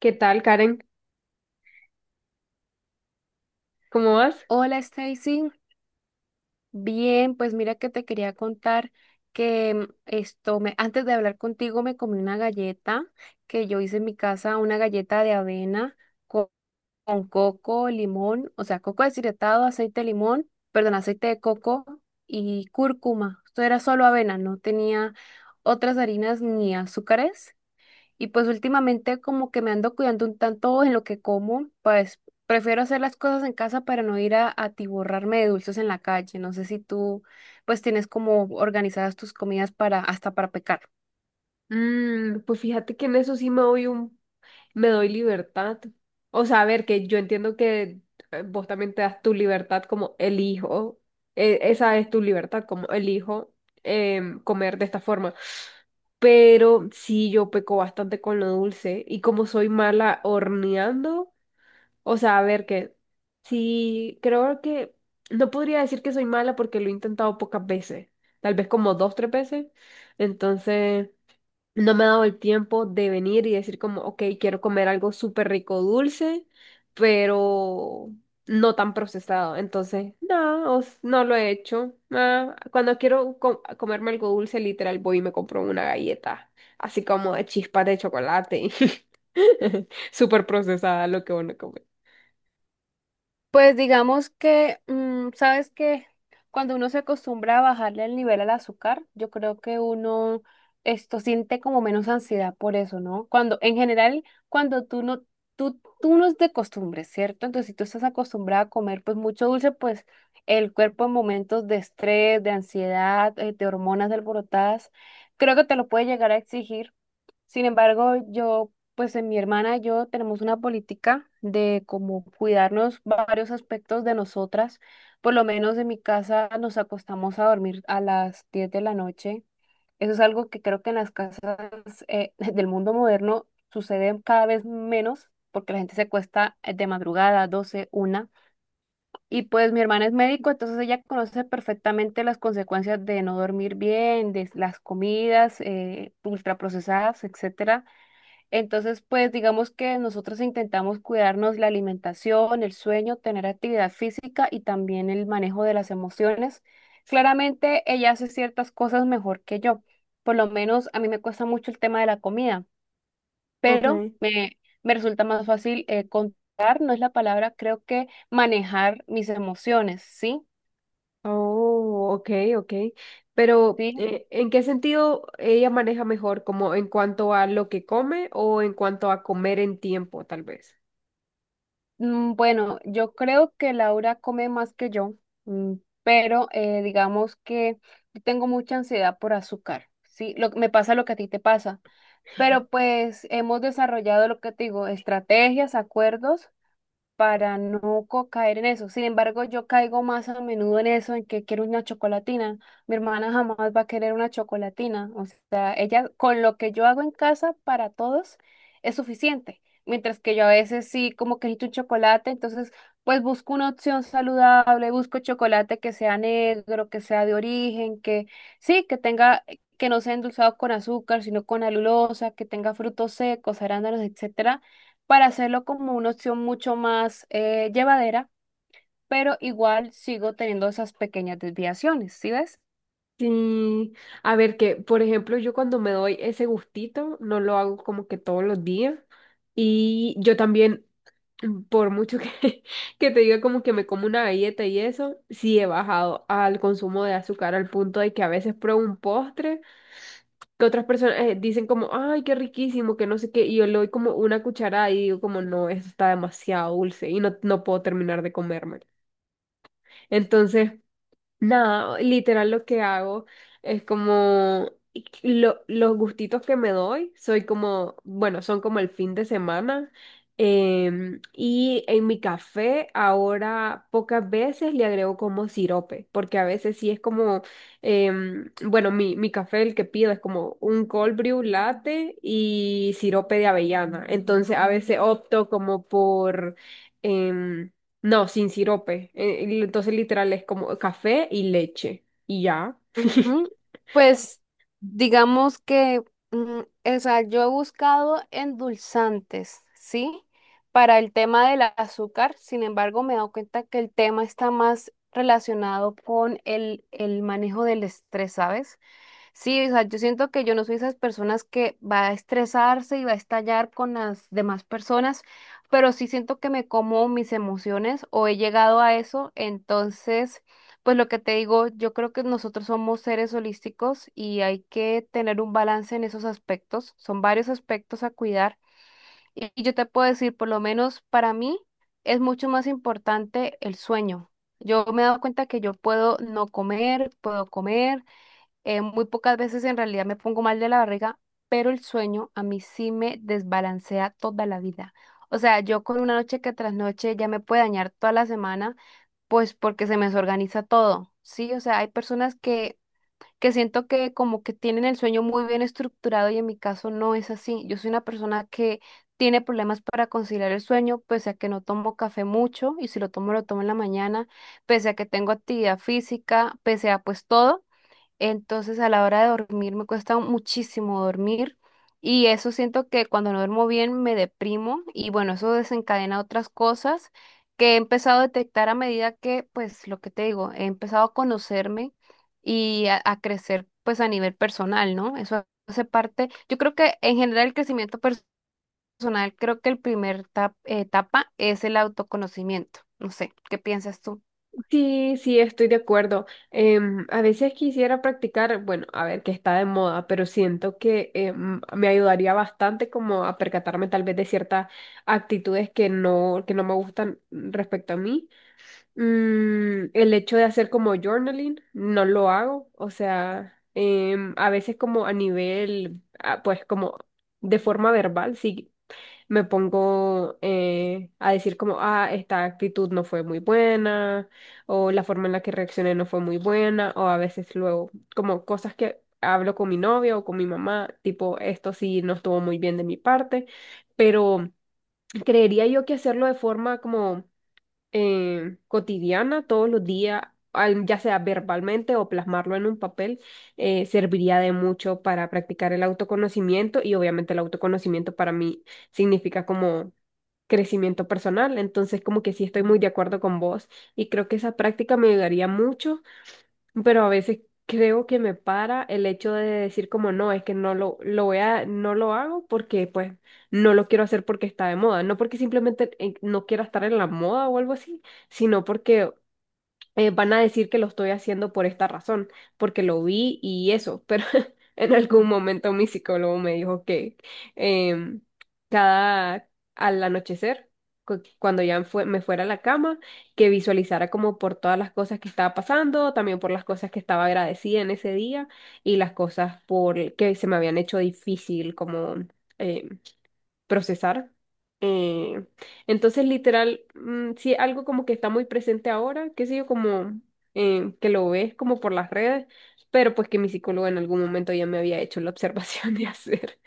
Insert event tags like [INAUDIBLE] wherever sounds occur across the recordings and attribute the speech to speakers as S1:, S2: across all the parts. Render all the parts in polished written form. S1: ¿Qué tal, Karen? ¿Cómo vas?
S2: Hola Stacy, bien, pues mira que te quería contar que esto me, antes de hablar contigo me comí una galleta que yo hice en mi casa, una galleta de avena co- con, coco, limón, o sea, coco deshidratado, aceite de limón, perdón, aceite de coco y cúrcuma. Esto era solo avena, no tenía otras harinas ni azúcares. Y pues últimamente como que me ando cuidando un tanto en lo que como, pues prefiero hacer las cosas en casa para no ir a atiborrarme de dulces en la calle. No sé si tú pues tienes como organizadas tus comidas para hasta para pecar.
S1: Pues fíjate que en eso sí me doy me doy libertad. O sea, a ver, que yo entiendo que vos también te das tu libertad como elijo, esa es tu libertad como elijo comer de esta forma. Pero sí, yo peco bastante con lo dulce y como soy mala horneando. O sea, a ver que sí, creo que no podría decir que soy mala porque lo he intentado pocas veces, tal vez como dos, tres veces. Entonces, no me ha dado el tiempo de venir y decir como, ok, quiero comer algo súper rico dulce, pero no tan procesado. Entonces, no, no lo he hecho. Ah, cuando quiero comerme algo dulce, literal, voy y me compro una galleta, así como de chispas de chocolate, [LAUGHS] súper procesada lo que uno come.
S2: Pues digamos que, ¿sabes que cuando uno se acostumbra a bajarle el nivel al azúcar, yo creo que uno esto siente como menos ansiedad por eso, ¿no? Cuando, en general, cuando tú no, tú no es de costumbre, ¿cierto? Entonces, si tú estás acostumbrada a comer pues mucho dulce, pues el cuerpo en momentos de estrés, de ansiedad, de hormonas alborotadas, creo que te lo puede llegar a exigir. Sin embargo, yo, pues en mi hermana y yo tenemos una política de como cuidarnos varios aspectos de nosotras. Por lo menos en mi casa nos acostamos a dormir a las 10 de la noche. Eso es algo que creo que en las casas [LAUGHS] del mundo moderno sucede cada vez menos porque la gente se cuesta de madrugada, doce una. Y pues mi hermana es médico, entonces ella conoce perfectamente las consecuencias de no dormir bien, de las comidas ultraprocesadas, etcétera. Entonces, pues digamos que nosotros intentamos cuidarnos la alimentación, el sueño, tener actividad física y también el manejo de las emociones. Claramente ella hace ciertas cosas mejor que yo. Por lo menos a mí me cuesta mucho el tema de la comida, pero
S1: Ok.
S2: me resulta más fácil contar, no es la palabra, creo que manejar mis emociones, ¿sí?
S1: Oh, ok, ok. Pero,
S2: ¿Sí?
S1: ¿en qué sentido ella maneja mejor? ¿Como en cuanto a lo que come o en cuanto a comer en tiempo, tal vez?
S2: Bueno, yo creo que Laura come más que yo, mm, pero digamos que yo tengo mucha ansiedad por azúcar, ¿sí? Lo, me pasa lo que a ti te pasa, pero pues hemos desarrollado lo que te digo, estrategias, acuerdos para no co- caer en eso. Sin embargo, yo caigo más a menudo en eso, en que quiero una chocolatina. Mi hermana jamás va a querer una chocolatina. O sea, ella con lo que yo hago en casa para todos es suficiente. Mientras que yo a veces sí como que necesito un chocolate, entonces pues busco una opción saludable, busco chocolate que sea negro, que sea de origen, que sí, que tenga, que no sea endulzado con azúcar, sino con alulosa, que tenga frutos secos, arándanos, etcétera, para hacerlo como una opción mucho más llevadera, pero igual sigo teniendo esas pequeñas desviaciones, ¿sí ves?
S1: Sí, a ver que, por ejemplo, yo cuando me doy ese gustito, no lo hago como que todos los días. Y yo también, [LAUGHS] por mucho que, [LAUGHS] que te diga como que me como una galleta y eso, sí he bajado al consumo de azúcar al punto de que a veces pruebo un postre, que otras personas dicen como, ay, qué riquísimo, que no sé qué, y yo le doy como una cucharada y digo como, no, eso está demasiado dulce y no, no puedo terminar de comérmelo. Entonces, nada, literal lo que hago es como los gustitos que me doy, soy como, bueno, son como el fin de semana. Y en mi café ahora pocas veces le agrego como sirope, porque a veces sí es como, bueno, mi café el que pido es como un cold brew latte y sirope de avellana. Entonces a veces opto como por... em, no, sin sirope. Y entonces literal es como café y leche. Y ya.
S2: Ujú.
S1: [LAUGHS]
S2: Pues digamos que, mm, o sea, yo he buscado endulzantes, ¿sí? Para el tema del azúcar, sin embargo, me he dado cuenta que el tema está más relacionado con el manejo del estrés, ¿sabes? Sí, o sea, yo siento que yo no soy esas personas que va a estresarse y va a estallar con las demás personas, pero sí siento que me como mis emociones o he llegado a eso, entonces, pues lo que te digo, yo creo que nosotros somos seres holísticos y hay que tener un balance en esos aspectos, son varios aspectos a cuidar y yo te puedo decir, por lo menos para mí es mucho más importante el sueño. Yo me he dado cuenta que yo puedo no comer, puedo comer. Muy pocas veces en realidad me pongo mal de la barriga, pero el sueño a mí sí me desbalancea toda la vida. O sea, yo con una noche que tras noche ya me puede dañar toda la semana, pues porque se me desorganiza todo, ¿sí? O sea, hay personas que siento que como que tienen el sueño muy bien estructurado y en mi caso no es así. Yo soy una persona que tiene problemas para conciliar el sueño, pese a que no tomo café mucho y si lo tomo lo tomo en la mañana, pese a que tengo actividad física, pese a pues todo. Entonces, a la hora de dormir me cuesta muchísimo dormir y eso siento que cuando no duermo bien me deprimo y bueno, eso desencadena otras cosas que he empezado a detectar a medida que, pues, lo que te digo, he empezado a conocerme y a crecer, pues, a nivel personal, ¿no? Eso hace parte, yo creo que en general el crecimiento personal, creo que el primer etapa es el autoconocimiento. No sé, ¿qué piensas tú?
S1: Sí, sí, estoy de acuerdo. A veces quisiera practicar, bueno, a ver, que está de moda, pero siento que me ayudaría bastante como a percatarme tal vez de ciertas actitudes que no me gustan respecto a mí. El hecho de hacer como journaling, no lo hago. O sea, a veces como a nivel, ah, pues como de forma verbal, sí me pongo a decir como, ah, esta actitud no fue muy buena, o la forma en la que reaccioné no fue muy buena, o a veces luego, como cosas que hablo con mi novia o con mi mamá, tipo, esto sí no estuvo muy bien de mi parte, pero creería yo que hacerlo de forma como cotidiana, todos los días, ya sea verbalmente o plasmarlo en un papel, serviría de mucho para practicar el autoconocimiento y obviamente el autoconocimiento para mí significa como crecimiento personal. Entonces, como que sí estoy muy de acuerdo con vos y creo que esa práctica me ayudaría mucho, pero a veces creo que me para el hecho de decir como no, es que no lo, lo voy a, no lo hago porque pues no lo quiero hacer porque está de moda, no porque simplemente no quiera estar en la moda o algo así, sino porque van a decir que lo estoy haciendo por esta razón, porque lo vi y eso, pero [LAUGHS] en algún momento mi psicólogo me dijo que em, cada al anochecer, cuando ya me fuera a la cama, que visualizara como por todas las cosas que estaba pasando, también por las cosas que estaba agradecida en ese día y las cosas por que se me habían hecho difícil, como... eh, procesar. Eh, entonces, literal, sí, algo como que está muy presente ahora, qué sé yo, como que lo ves como por las redes, pero pues que mi psicólogo en algún momento ya me había hecho la [LAUGHS] observación de hacer.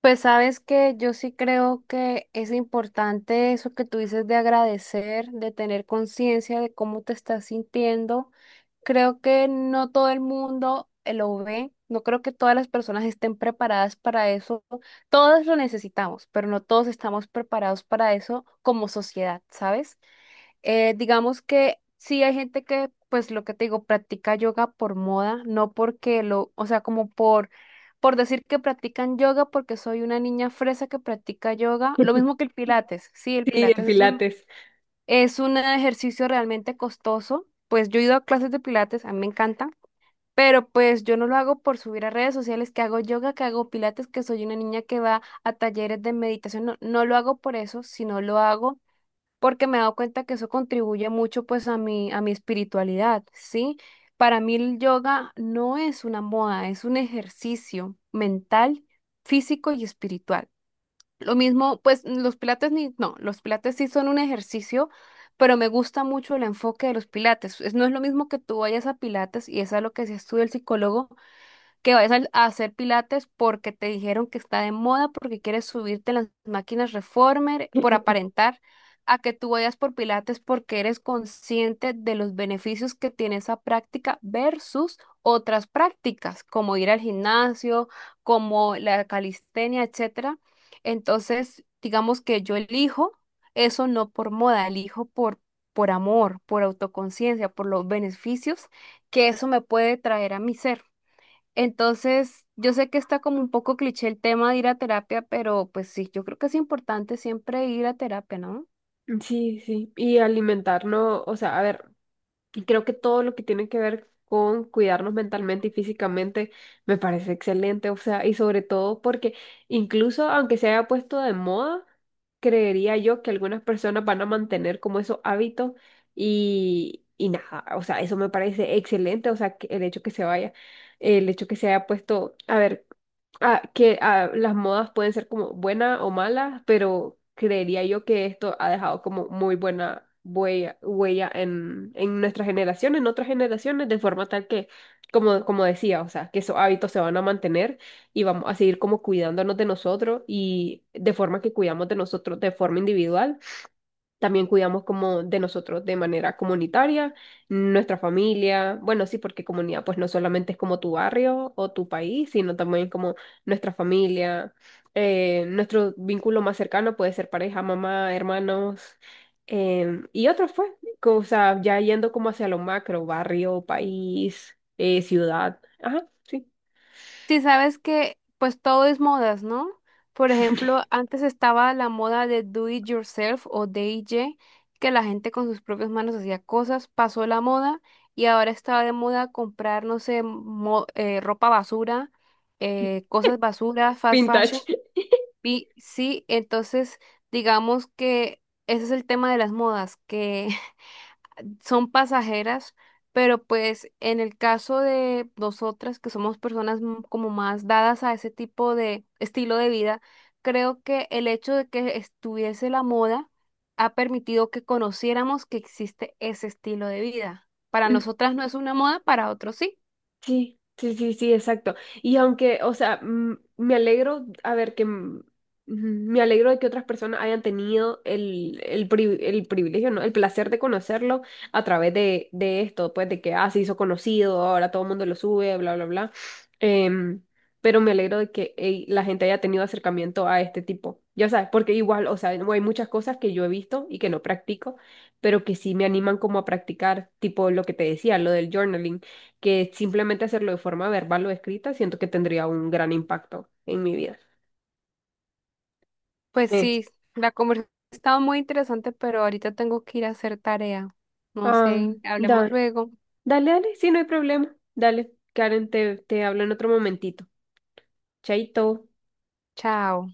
S2: Pues sabes que yo sí creo que es importante eso que tú dices de agradecer, de tener conciencia de cómo te estás sintiendo. Creo que no todo el mundo lo ve, no creo que todas las personas estén preparadas para eso. Todos lo necesitamos, pero no todos estamos preparados para eso como sociedad, ¿sabes? Digamos que sí hay gente que, pues lo que te digo, practica yoga por moda, no porque lo, o sea, como por decir que practican yoga porque soy una niña fresa que practica yoga, lo mismo que
S1: [LAUGHS]
S2: el pilates, sí, el
S1: Sí, de
S2: pilates
S1: pilates.
S2: es un ejercicio realmente costoso, pues yo he ido a clases de pilates, a mí me encanta, pero pues yo no lo hago por subir a redes sociales que hago yoga, que hago pilates, que soy una niña que va a talleres de meditación, no, no lo hago por eso, sino lo hago porque me he dado cuenta que eso contribuye mucho pues a a mi espiritualidad, ¿sí? Para mí el yoga no es una moda, es un ejercicio mental, físico y espiritual. Lo mismo, pues los pilates ni, no, los pilates sí son un ejercicio, pero me gusta mucho el enfoque de los pilates. No es lo mismo que tú vayas a pilates y es a lo que se estudia el psicólogo, que vayas a hacer pilates porque te dijeron que está de moda, porque quieres subirte en las máquinas reformer por
S1: [LAUGHS]
S2: aparentar, a que tú vayas por pilates porque eres consciente de los beneficios que tiene esa práctica versus otras prácticas, como ir al gimnasio, como la calistenia, etcétera. Entonces, digamos que yo elijo eso no por moda, elijo por amor, por autoconciencia, por los beneficios que eso me puede traer a mi ser. Entonces, yo sé que está como un poco cliché el tema de ir a terapia, pero pues sí, yo creo que es importante siempre ir a terapia, ¿no?
S1: Sí, sí, y alimentar, no, o sea, a ver. Y creo que todo lo que tiene que ver con cuidarnos mentalmente y físicamente me parece excelente, o sea, y sobre todo porque incluso aunque se haya puesto de moda, creería yo que algunas personas van a mantener como esos hábitos y nada, o sea, eso me parece excelente, o sea, que el hecho que se vaya, el hecho que se haya puesto, a ver ah, que ah, las modas pueden ser como buenas o malas, pero creería yo que esto ha dejado como muy buena huella, huella en nuestra generación, en otras generaciones, de forma tal que, como, como decía, o sea, que esos hábitos se van a mantener y vamos a seguir como cuidándonos de nosotros y de forma que cuidamos de nosotros de forma individual. También cuidamos como de nosotros de manera comunitaria, nuestra familia, bueno, sí, porque comunidad pues no solamente es como tu barrio o tu país, sino también como nuestra familia, nuestro vínculo más cercano puede ser pareja, mamá, hermanos, y otros pues, o sea, ya yendo como hacia lo macro, barrio, país, ciudad, ajá, sí,
S2: Sí, sabes que pues todo es modas, ¿no? Por ejemplo,
S1: [LAUGHS]
S2: antes estaba la moda de do it yourself o DIY, que la gente con sus propias manos hacía cosas, pasó la moda y ahora está de moda comprar, no sé, ropa basura, cosas basura, fast fashion.
S1: vintage.
S2: Y sí, entonces digamos que ese es el tema de las modas, que [LAUGHS] son pasajeras, pero pues en el caso de nosotras, que somos personas como más dadas a ese tipo de estilo de vida, creo que el hecho de que estuviese la moda ha permitido que conociéramos que existe ese estilo de vida. Para nosotras no es una moda, para otros sí.
S1: Sí, sí, sí, sí, exacto. Y aunque, o sea, me alegro, a ver, que me alegro de que otras personas hayan tenido el, el privilegio, ¿no? El placer de conocerlo a través de esto, pues de que, ah, se hizo conocido, ahora todo el mundo lo sube, bla, bla, bla. Em, pero me alegro de que ey, la gente haya tenido acercamiento a este tipo. Ya sabes, porque igual, o sea, hay muchas cosas que yo he visto y que no practico, pero que sí me animan como a practicar, tipo lo que te decía, lo del journaling, que simplemente hacerlo de forma verbal o escrita, siento que tendría un gran impacto en mi vida.
S2: Pues
S1: eh
S2: sí, la conversación estaba muy interesante, pero ahorita tengo que ir a hacer tarea. No
S1: Ah,
S2: sé, hablemos
S1: dale,
S2: luego.
S1: dale, dale, sí, no hay problema. Dale, Karen, te hablo en otro momentito. Chaito.
S2: Chao.